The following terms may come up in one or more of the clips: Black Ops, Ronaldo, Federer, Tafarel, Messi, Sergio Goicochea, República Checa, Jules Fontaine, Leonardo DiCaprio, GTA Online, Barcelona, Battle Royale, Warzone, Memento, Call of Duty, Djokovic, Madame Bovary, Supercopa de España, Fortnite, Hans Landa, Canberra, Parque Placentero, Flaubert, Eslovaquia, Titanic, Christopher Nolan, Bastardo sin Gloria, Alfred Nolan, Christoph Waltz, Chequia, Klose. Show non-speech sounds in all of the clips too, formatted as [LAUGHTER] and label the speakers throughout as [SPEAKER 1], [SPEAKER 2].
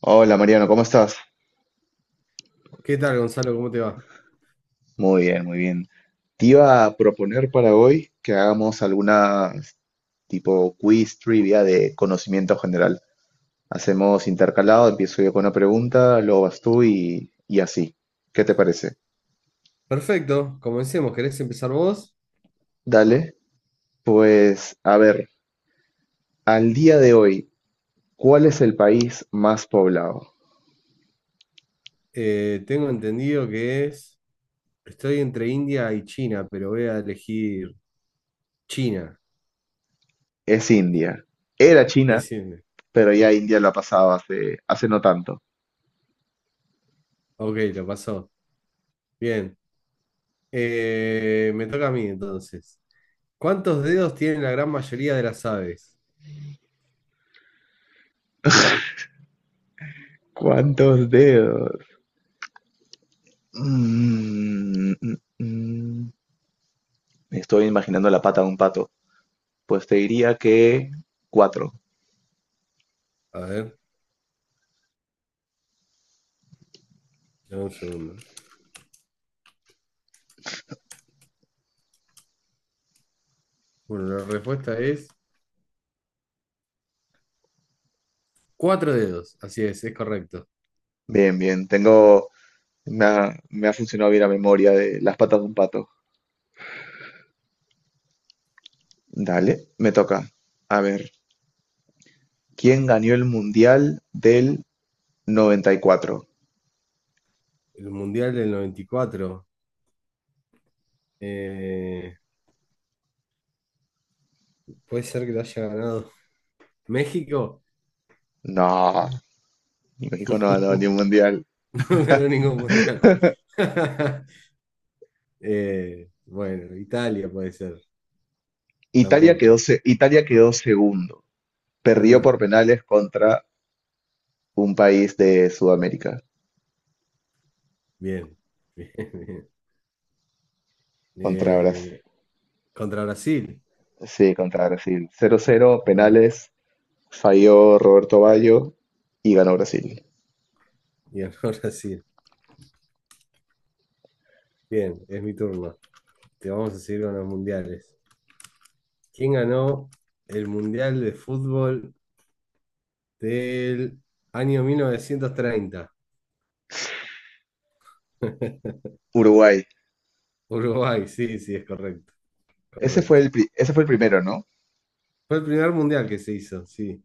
[SPEAKER 1] Hola Mariano, ¿cómo estás?
[SPEAKER 2] ¿Qué tal, Gonzalo? ¿Cómo te va?
[SPEAKER 1] Muy bien, muy bien. Te iba a proponer para hoy que hagamos alguna tipo quiz trivia de conocimiento general. Hacemos intercalado, empiezo yo con una pregunta, luego vas tú y así. ¿Qué te parece?
[SPEAKER 2] Perfecto, comencemos. ¿Querés empezar vos?
[SPEAKER 1] Dale, pues a ver, al día de hoy, ¿cuál es el país más poblado?
[SPEAKER 2] Tengo entendido que es. Estoy entre India y China, pero voy a elegir China.
[SPEAKER 1] Es India. Era China,
[SPEAKER 2] Es India.
[SPEAKER 1] pero ya India lo ha pasado hace no tanto.
[SPEAKER 2] Ok, lo pasó. Bien. Me toca a mí entonces. ¿Cuántos dedos tienen la gran mayoría de las aves?
[SPEAKER 1] ¿Cuántos dedos? Mm, mm, mm. mm. Estoy imaginando la pata de un pato. Pues te diría que cuatro.
[SPEAKER 2] A ver, dame un segundo. Bueno, la respuesta es cuatro dedos. Así es correcto.
[SPEAKER 1] Bien, bien. Tengo. Me ha funcionado bien la memoria de las patas de un pato. Dale, me toca. A ver, ¿quién ganó el Mundial del 94?
[SPEAKER 2] El Mundial del 94. Eh, puede ser que lo haya ganado México.
[SPEAKER 1] No, México no ganó ni un
[SPEAKER 2] [LAUGHS]
[SPEAKER 1] Mundial.
[SPEAKER 2] [LAUGHS] No ganó ningún mundial. [LAUGHS] Bueno, Italia puede ser, tampoco.
[SPEAKER 1] Italia quedó segundo. Perdió
[SPEAKER 2] Mm,
[SPEAKER 1] por penales contra un país de Sudamérica,
[SPEAKER 2] bien, [LAUGHS] bien, bien.
[SPEAKER 1] contra Brasil.
[SPEAKER 2] Eh, contra Brasil.
[SPEAKER 1] Sí, contra Brasil. 0-0
[SPEAKER 2] Contra-
[SPEAKER 1] penales, falló Roberto Baggio y ganó Brasil.
[SPEAKER 2] y ganó [LAUGHS] Brasil. Bien, es mi turno. Te vamos a seguir con los mundiales. ¿Quién ganó el mundial de fútbol del año 1930? [LAUGHS]
[SPEAKER 1] Uruguay.
[SPEAKER 2] Uruguay, sí, sí, es correcto,
[SPEAKER 1] Ese fue
[SPEAKER 2] correcto.
[SPEAKER 1] ese fue el primero, ¿no?
[SPEAKER 2] Fue el primer mundial que se hizo, sí.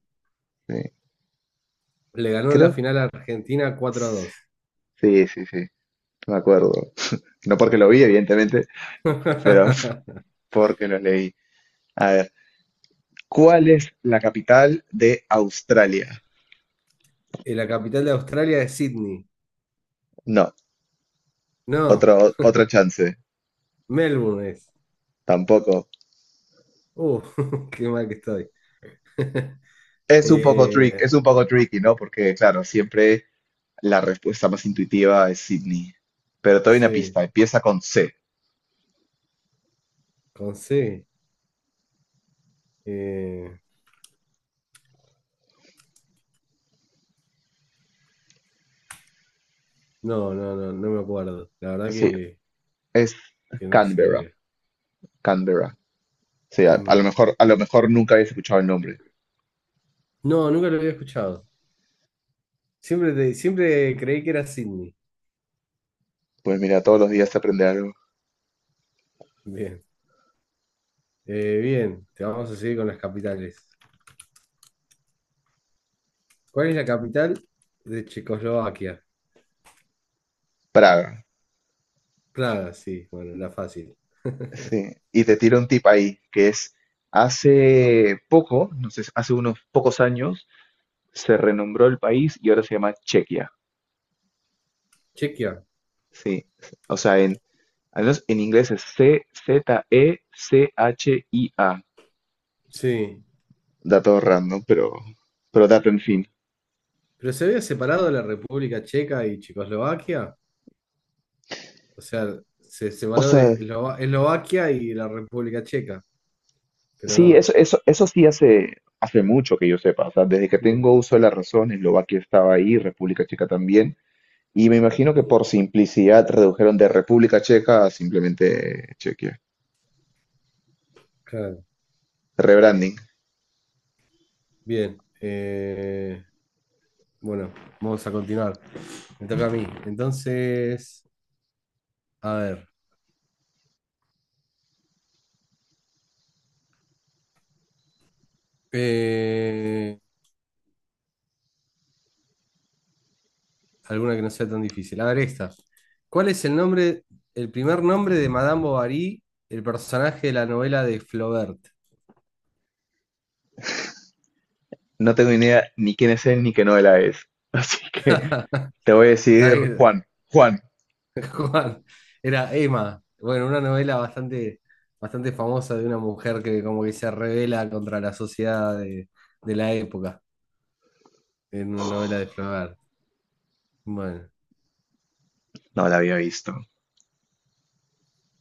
[SPEAKER 1] Sí,
[SPEAKER 2] Le ganó en la
[SPEAKER 1] creo.
[SPEAKER 2] final a Argentina cuatro a 2.
[SPEAKER 1] Sí, sí, sí, me acuerdo. No porque lo vi, evidentemente, pero
[SPEAKER 2] [LAUGHS]
[SPEAKER 1] [LAUGHS] porque lo leí. A ver, ¿cuál es la capital de Australia?
[SPEAKER 2] Y la capital de Australia es Sydney.
[SPEAKER 1] No,
[SPEAKER 2] No,
[SPEAKER 1] otro, otra chance,
[SPEAKER 2] Melbourne es.
[SPEAKER 1] tampoco.
[SPEAKER 2] Uh, [LAUGHS] qué mal que estoy. [LAUGHS]
[SPEAKER 1] Es un poco
[SPEAKER 2] Eh,
[SPEAKER 1] es un poco tricky, ¿no? Porque, claro, siempre la respuesta más intuitiva es Sydney. Pero te doy una
[SPEAKER 2] sí,
[SPEAKER 1] pista, empieza con C.
[SPEAKER 2] con C. Eh, no, no, no, no me acuerdo. La verdad
[SPEAKER 1] Sí,
[SPEAKER 2] que,
[SPEAKER 1] es
[SPEAKER 2] que no
[SPEAKER 1] Canberra,
[SPEAKER 2] sabía.
[SPEAKER 1] Canberra. Sí,
[SPEAKER 2] Cámara.
[SPEAKER 1] a lo mejor nunca habías escuchado el nombre.
[SPEAKER 2] No, nunca lo había escuchado. Siempre, siempre creí que era Sydney.
[SPEAKER 1] Pues mira, todos los días se aprende algo.
[SPEAKER 2] Bien. Bien, te vamos a seguir con las capitales. ¿Cuál es la capital de Checoslovaquia?
[SPEAKER 1] Praga,
[SPEAKER 2] Praga, sí, bueno, la fácil.
[SPEAKER 1] sí.
[SPEAKER 2] [LAUGHS]
[SPEAKER 1] Y te tiro un tip ahí, que es, hace poco, no sé, hace unos pocos años, se renombró el país y ahora se llama Chequia.
[SPEAKER 2] Chequia.
[SPEAKER 1] Sí, o sea, en, al menos en inglés es C-Z-E-C-H-I-A.
[SPEAKER 2] Sí,
[SPEAKER 1] Dato random, pero dato en fin.
[SPEAKER 2] pero se había separado de la República Checa y Checoslovaquia. O sea, se
[SPEAKER 1] O
[SPEAKER 2] separó de
[SPEAKER 1] sea,
[SPEAKER 2] Eslovaquia y la República Checa. Pero
[SPEAKER 1] sí,
[SPEAKER 2] no.
[SPEAKER 1] eso sí hace mucho que yo sepa. O sea, desde que
[SPEAKER 2] Mm,
[SPEAKER 1] tengo uso de la razón, Eslovaquia estaba ahí, República Checa también. Y me imagino que
[SPEAKER 2] mm,
[SPEAKER 1] por simplicidad redujeron de República Checa a simplemente Chequia.
[SPEAKER 2] claro.
[SPEAKER 1] Rebranding.
[SPEAKER 2] Bien. Bueno, vamos a continuar. Me toca a mí. Entonces, a ver, eh, alguna que no sea tan difícil. A ver, esta. ¿Cuál es el nombre, el primer nombre de Madame Bovary, el personaje de la novela de Flaubert?
[SPEAKER 1] No tengo ni idea ni quién es él ni qué novela es. [LAUGHS] Así que te voy a
[SPEAKER 2] Está
[SPEAKER 1] decir
[SPEAKER 2] bien.
[SPEAKER 1] Juan. Juan.
[SPEAKER 2] Juan, era Emma. Bueno, una novela bastante, bastante famosa de una mujer que como que se revela contra la sociedad de la época, en una novela de Flaubert. Bueno,
[SPEAKER 1] No la había visto.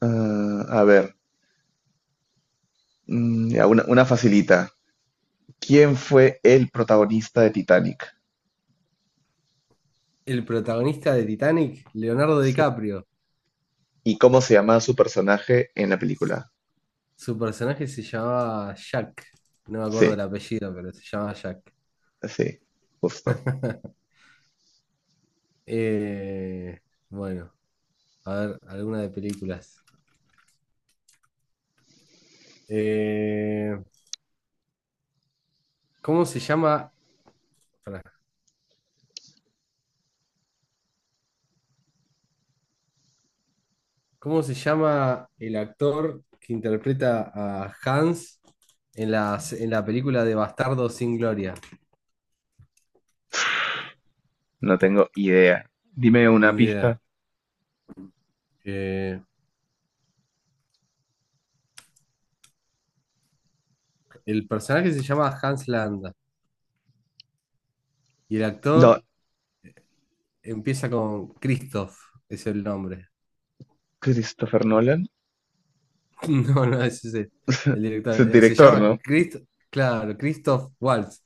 [SPEAKER 1] Ah, a ver, ya, una facilita. ¿Quién fue el protagonista de Titanic?
[SPEAKER 2] el protagonista de Titanic, Leonardo
[SPEAKER 1] Sí.
[SPEAKER 2] DiCaprio.
[SPEAKER 1] ¿Y cómo se llamaba su personaje en la película?
[SPEAKER 2] Su personaje se llamaba Jack. No me acuerdo
[SPEAKER 1] Sí.
[SPEAKER 2] el apellido, pero se llamaba Jack.
[SPEAKER 1] Sí, justo.
[SPEAKER 2] [LAUGHS] Eh, bueno, a ver, alguna de películas. Eh, ¿cómo se llama? pará, ¿Cómo se llama el actor que interpreta a Hans en la película de Bastardo sin Gloria?
[SPEAKER 1] No tengo idea. Dime
[SPEAKER 2] Ni
[SPEAKER 1] una
[SPEAKER 2] idea.
[SPEAKER 1] pista.
[SPEAKER 2] Eh, el personaje se llama Hans Landa y el
[SPEAKER 1] No,
[SPEAKER 2] actor empieza con Christoph, es el nombre.
[SPEAKER 1] Christopher Nolan
[SPEAKER 2] [LAUGHS] No, no, ese es el
[SPEAKER 1] es
[SPEAKER 2] director.
[SPEAKER 1] el director, ¿no?
[SPEAKER 2] Claro, Christoph Waltz.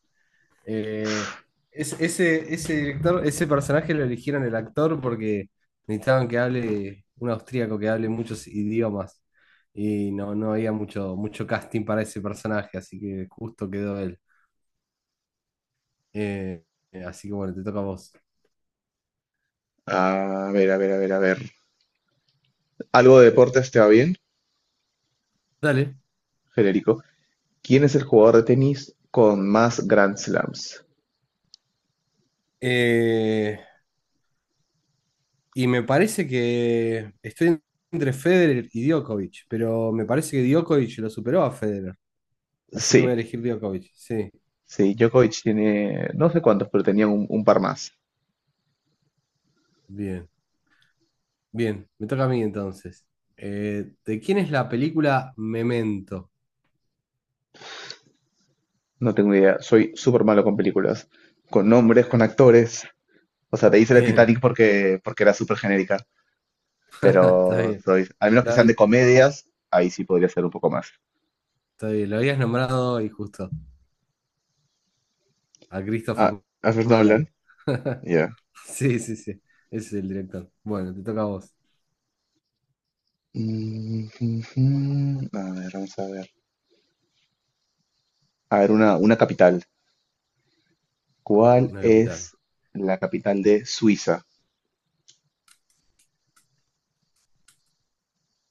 [SPEAKER 2] Eh, ese personaje lo eligieron el actor porque necesitaban que hable un austríaco que hable muchos idiomas y no, no había mucho, mucho casting para ese personaje, así que justo quedó él. Eh, así que bueno, te toca a vos.
[SPEAKER 1] A ver, a ver, a ver, a ver. ¿Algo de deportes te va bien,
[SPEAKER 2] Dale.
[SPEAKER 1] Federico? ¿Quién es el jugador de tenis con más Grand Slams?
[SPEAKER 2] Eh, y me parece que estoy entre Federer y Djokovic, pero me parece que Djokovic lo superó a Federer, así que voy a
[SPEAKER 1] Sí,
[SPEAKER 2] elegir Djokovic. Sí,
[SPEAKER 1] sí, Djokovic tiene, no sé cuántos, pero tenía un par más.
[SPEAKER 2] bien. Bien, me toca a mí entonces. ¿De quién es la película Memento?
[SPEAKER 1] No tengo idea. Soy súper malo con películas, con nombres, con actores. O sea, te hice la
[SPEAKER 2] Bien,
[SPEAKER 1] Titanic porque era súper genérica.
[SPEAKER 2] [LAUGHS] está
[SPEAKER 1] Pero
[SPEAKER 2] bien.
[SPEAKER 1] soy, al menos que sean
[SPEAKER 2] La-
[SPEAKER 1] de comedias, ahí sí podría ser un poco más.
[SPEAKER 2] está bien, lo habías nombrado y justo a
[SPEAKER 1] Ah,
[SPEAKER 2] Christopher
[SPEAKER 1] Alfred
[SPEAKER 2] Nolan.
[SPEAKER 1] Nolan,
[SPEAKER 2] [LAUGHS]
[SPEAKER 1] ya.
[SPEAKER 2] Sí, sí, sí, ese es el director. Bueno, te toca a vos.
[SPEAKER 1] Mm. A ver, vamos a ver. A ver, una capital. ¿Cuál
[SPEAKER 2] Una capital.
[SPEAKER 1] es la capital de Suiza?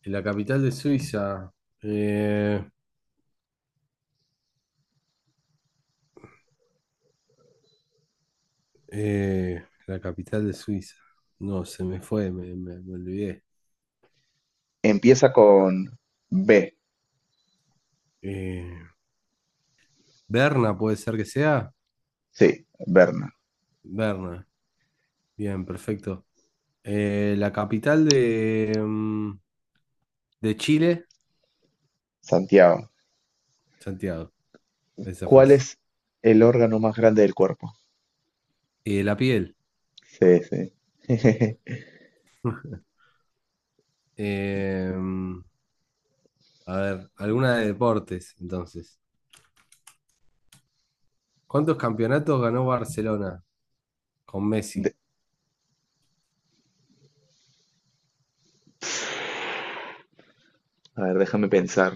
[SPEAKER 2] La capital de Suiza. eh, la capital de Suiza. No, se me fue, me olvidé.
[SPEAKER 1] Empieza con B.
[SPEAKER 2] Eh, Berna puede ser que sea.
[SPEAKER 1] Sí, Berna.
[SPEAKER 2] Berna. Bien, perfecto. La capital de, de Chile,
[SPEAKER 1] Santiago.
[SPEAKER 2] Santiago, esa
[SPEAKER 1] ¿Cuál
[SPEAKER 2] fácil.
[SPEAKER 1] es el órgano más grande del cuerpo?
[SPEAKER 2] La piel.
[SPEAKER 1] Sí, sí. [LAUGHS]
[SPEAKER 2] [LAUGHS] Eh, mm, a ver, alguna de deportes, entonces. ¿Cuántos campeonatos ganó Barcelona con Messi?
[SPEAKER 1] De- a ver, déjame pensar.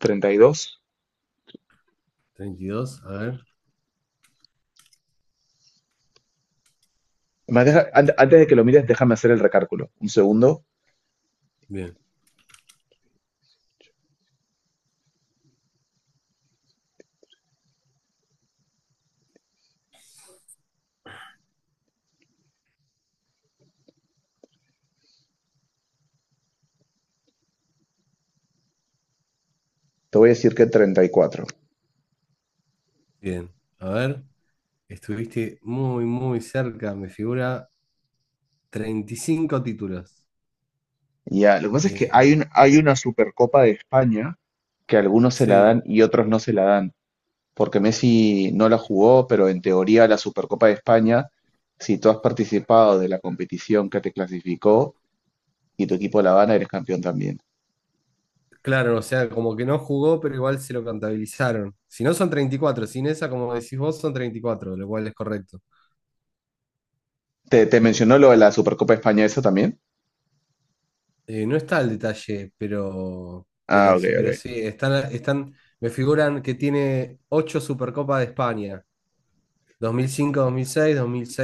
[SPEAKER 1] 32.
[SPEAKER 2] 32, a ver.
[SPEAKER 1] Antes de que lo mires, déjame hacer el recálculo. Un segundo.
[SPEAKER 2] Bien,
[SPEAKER 1] Te voy a decir que 34.
[SPEAKER 2] bien. A ver, estuviste muy, muy cerca, me figura 35 títulos.
[SPEAKER 1] Ya, lo que pasa es que
[SPEAKER 2] Eh,
[SPEAKER 1] hay una Supercopa de España que algunos se la
[SPEAKER 2] sí,
[SPEAKER 1] dan y otros no se la dan, porque Messi no la jugó, pero en teoría la Supercopa de España, si tú has participado de la competición que te clasificó y tu equipo la gana, eres campeón también.
[SPEAKER 2] claro, o sea, como que no jugó, pero igual se lo contabilizaron. Si no son 34, sin esa, como decís vos, son 34, lo cual es correcto.
[SPEAKER 1] ¿Te mencionó lo de la Supercopa de España eso también?
[SPEAKER 2] No está el detalle, pero,
[SPEAKER 1] Ah,
[SPEAKER 2] pero,
[SPEAKER 1] ok,
[SPEAKER 2] pero
[SPEAKER 1] ok.
[SPEAKER 2] sí, me figuran que tiene 8 Supercopa de España, dos dos dos dos dos dos dos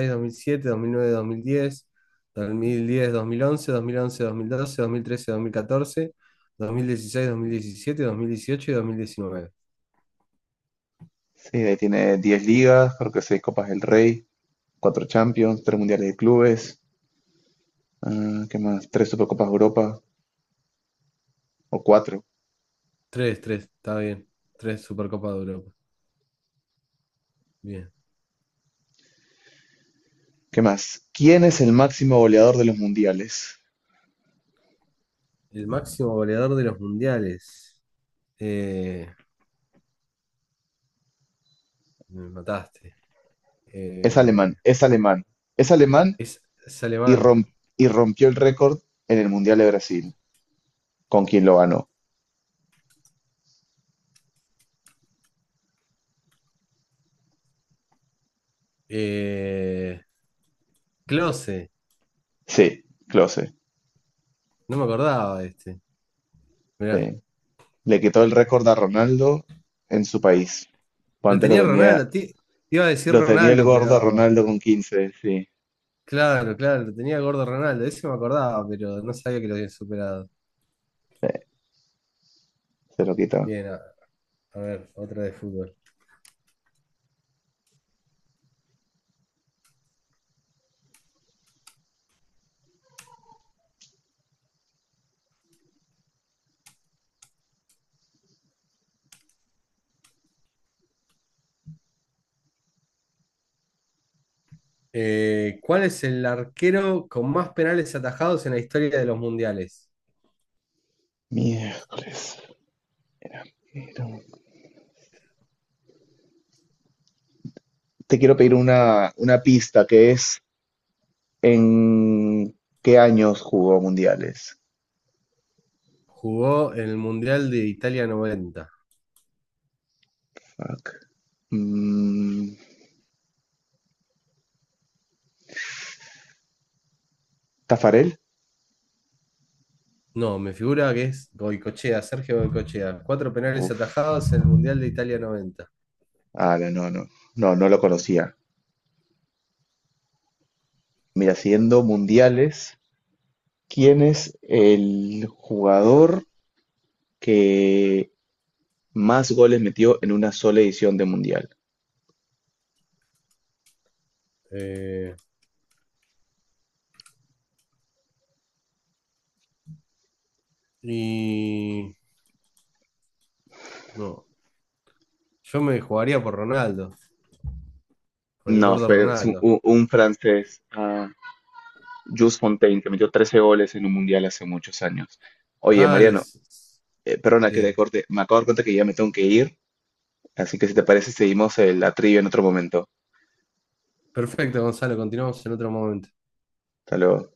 [SPEAKER 2] dos dos dos mil mil mil mil mil mil mil cinco, seis, seis, siete, nueve, diez, diez, once, 2011, 2012, 2013, 2014, 2016, 2017, 2018 y 2019.
[SPEAKER 1] Sí, ahí tiene 10 ligas, creo que 6 Copas del Rey, 4 Champions, 3 Mundiales de Clubes, ah, ¿qué más? 3 Supercopas de Europa o 4.
[SPEAKER 2] Tres, tres, está bien. 3 Supercopa de Europa. Bien.
[SPEAKER 1] ¿Qué más? ¿Quién es el máximo goleador de los mundiales?
[SPEAKER 2] El máximo goleador de los mundiales. Eh, me mataste.
[SPEAKER 1] Es
[SPEAKER 2] Eh,
[SPEAKER 1] alemán, es alemán, es alemán
[SPEAKER 2] es, es
[SPEAKER 1] y,
[SPEAKER 2] alemán.
[SPEAKER 1] rom- y rompió el récord en el Mundial de Brasil, con quien lo ganó.
[SPEAKER 2] Eh, Klose.
[SPEAKER 1] Sí, Klose,
[SPEAKER 2] No me acordaba de este. Mirá.
[SPEAKER 1] sí. Le quitó el récord a Ronaldo en su país. Pues
[SPEAKER 2] Lo
[SPEAKER 1] antes lo
[SPEAKER 2] tenía
[SPEAKER 1] tenía,
[SPEAKER 2] Ronaldo. Te iba a decir
[SPEAKER 1] lo tenía el
[SPEAKER 2] Ronaldo,
[SPEAKER 1] gordo a
[SPEAKER 2] pero.
[SPEAKER 1] Ronaldo con 15, sí,
[SPEAKER 2] Claro, claro, lo tenía gordo Ronaldo. Ese me acordaba, pero no sabía que lo habían superado.
[SPEAKER 1] se lo quitó.
[SPEAKER 2] Bien, a ver, otra de fútbol. ¿Cuál es el arquero con más penales atajados en la historia de los mundiales?
[SPEAKER 1] Miércoles. Pero- Te quiero pedir una pista que es en qué años jugó mundiales.
[SPEAKER 2] Jugó en el Mundial de Italia 90.
[SPEAKER 1] Fuck. Mm, ¿Tafarel?
[SPEAKER 2] No, me figura que es Goicochea, Sergio Goicochea. Cuatro penales
[SPEAKER 1] Uf,
[SPEAKER 2] atajados en el Mundial de Italia noventa.
[SPEAKER 1] ah, no, no, no, no, no lo conocía. Mira, siguiendo mundiales, ¿quién es el jugador que más goles metió en una sola edición de mundial?
[SPEAKER 2] Eh, y no, yo me jugaría por Ronaldo, por el
[SPEAKER 1] No,
[SPEAKER 2] gordo
[SPEAKER 1] fue es un,
[SPEAKER 2] Ronaldo.
[SPEAKER 1] un- un francés, ah, Jules Fontaine, que metió 13 goles en un mundial hace muchos años. Oye,
[SPEAKER 2] Ah,
[SPEAKER 1] Mariano,
[SPEAKER 2] les-
[SPEAKER 1] perdona que te
[SPEAKER 2] bien.
[SPEAKER 1] corte, me acabo de dar cuenta que ya me tengo que ir, así que si te parece seguimos la trivia en otro momento.
[SPEAKER 2] Perfecto, Gonzalo, continuamos en otro momento.
[SPEAKER 1] Hasta luego.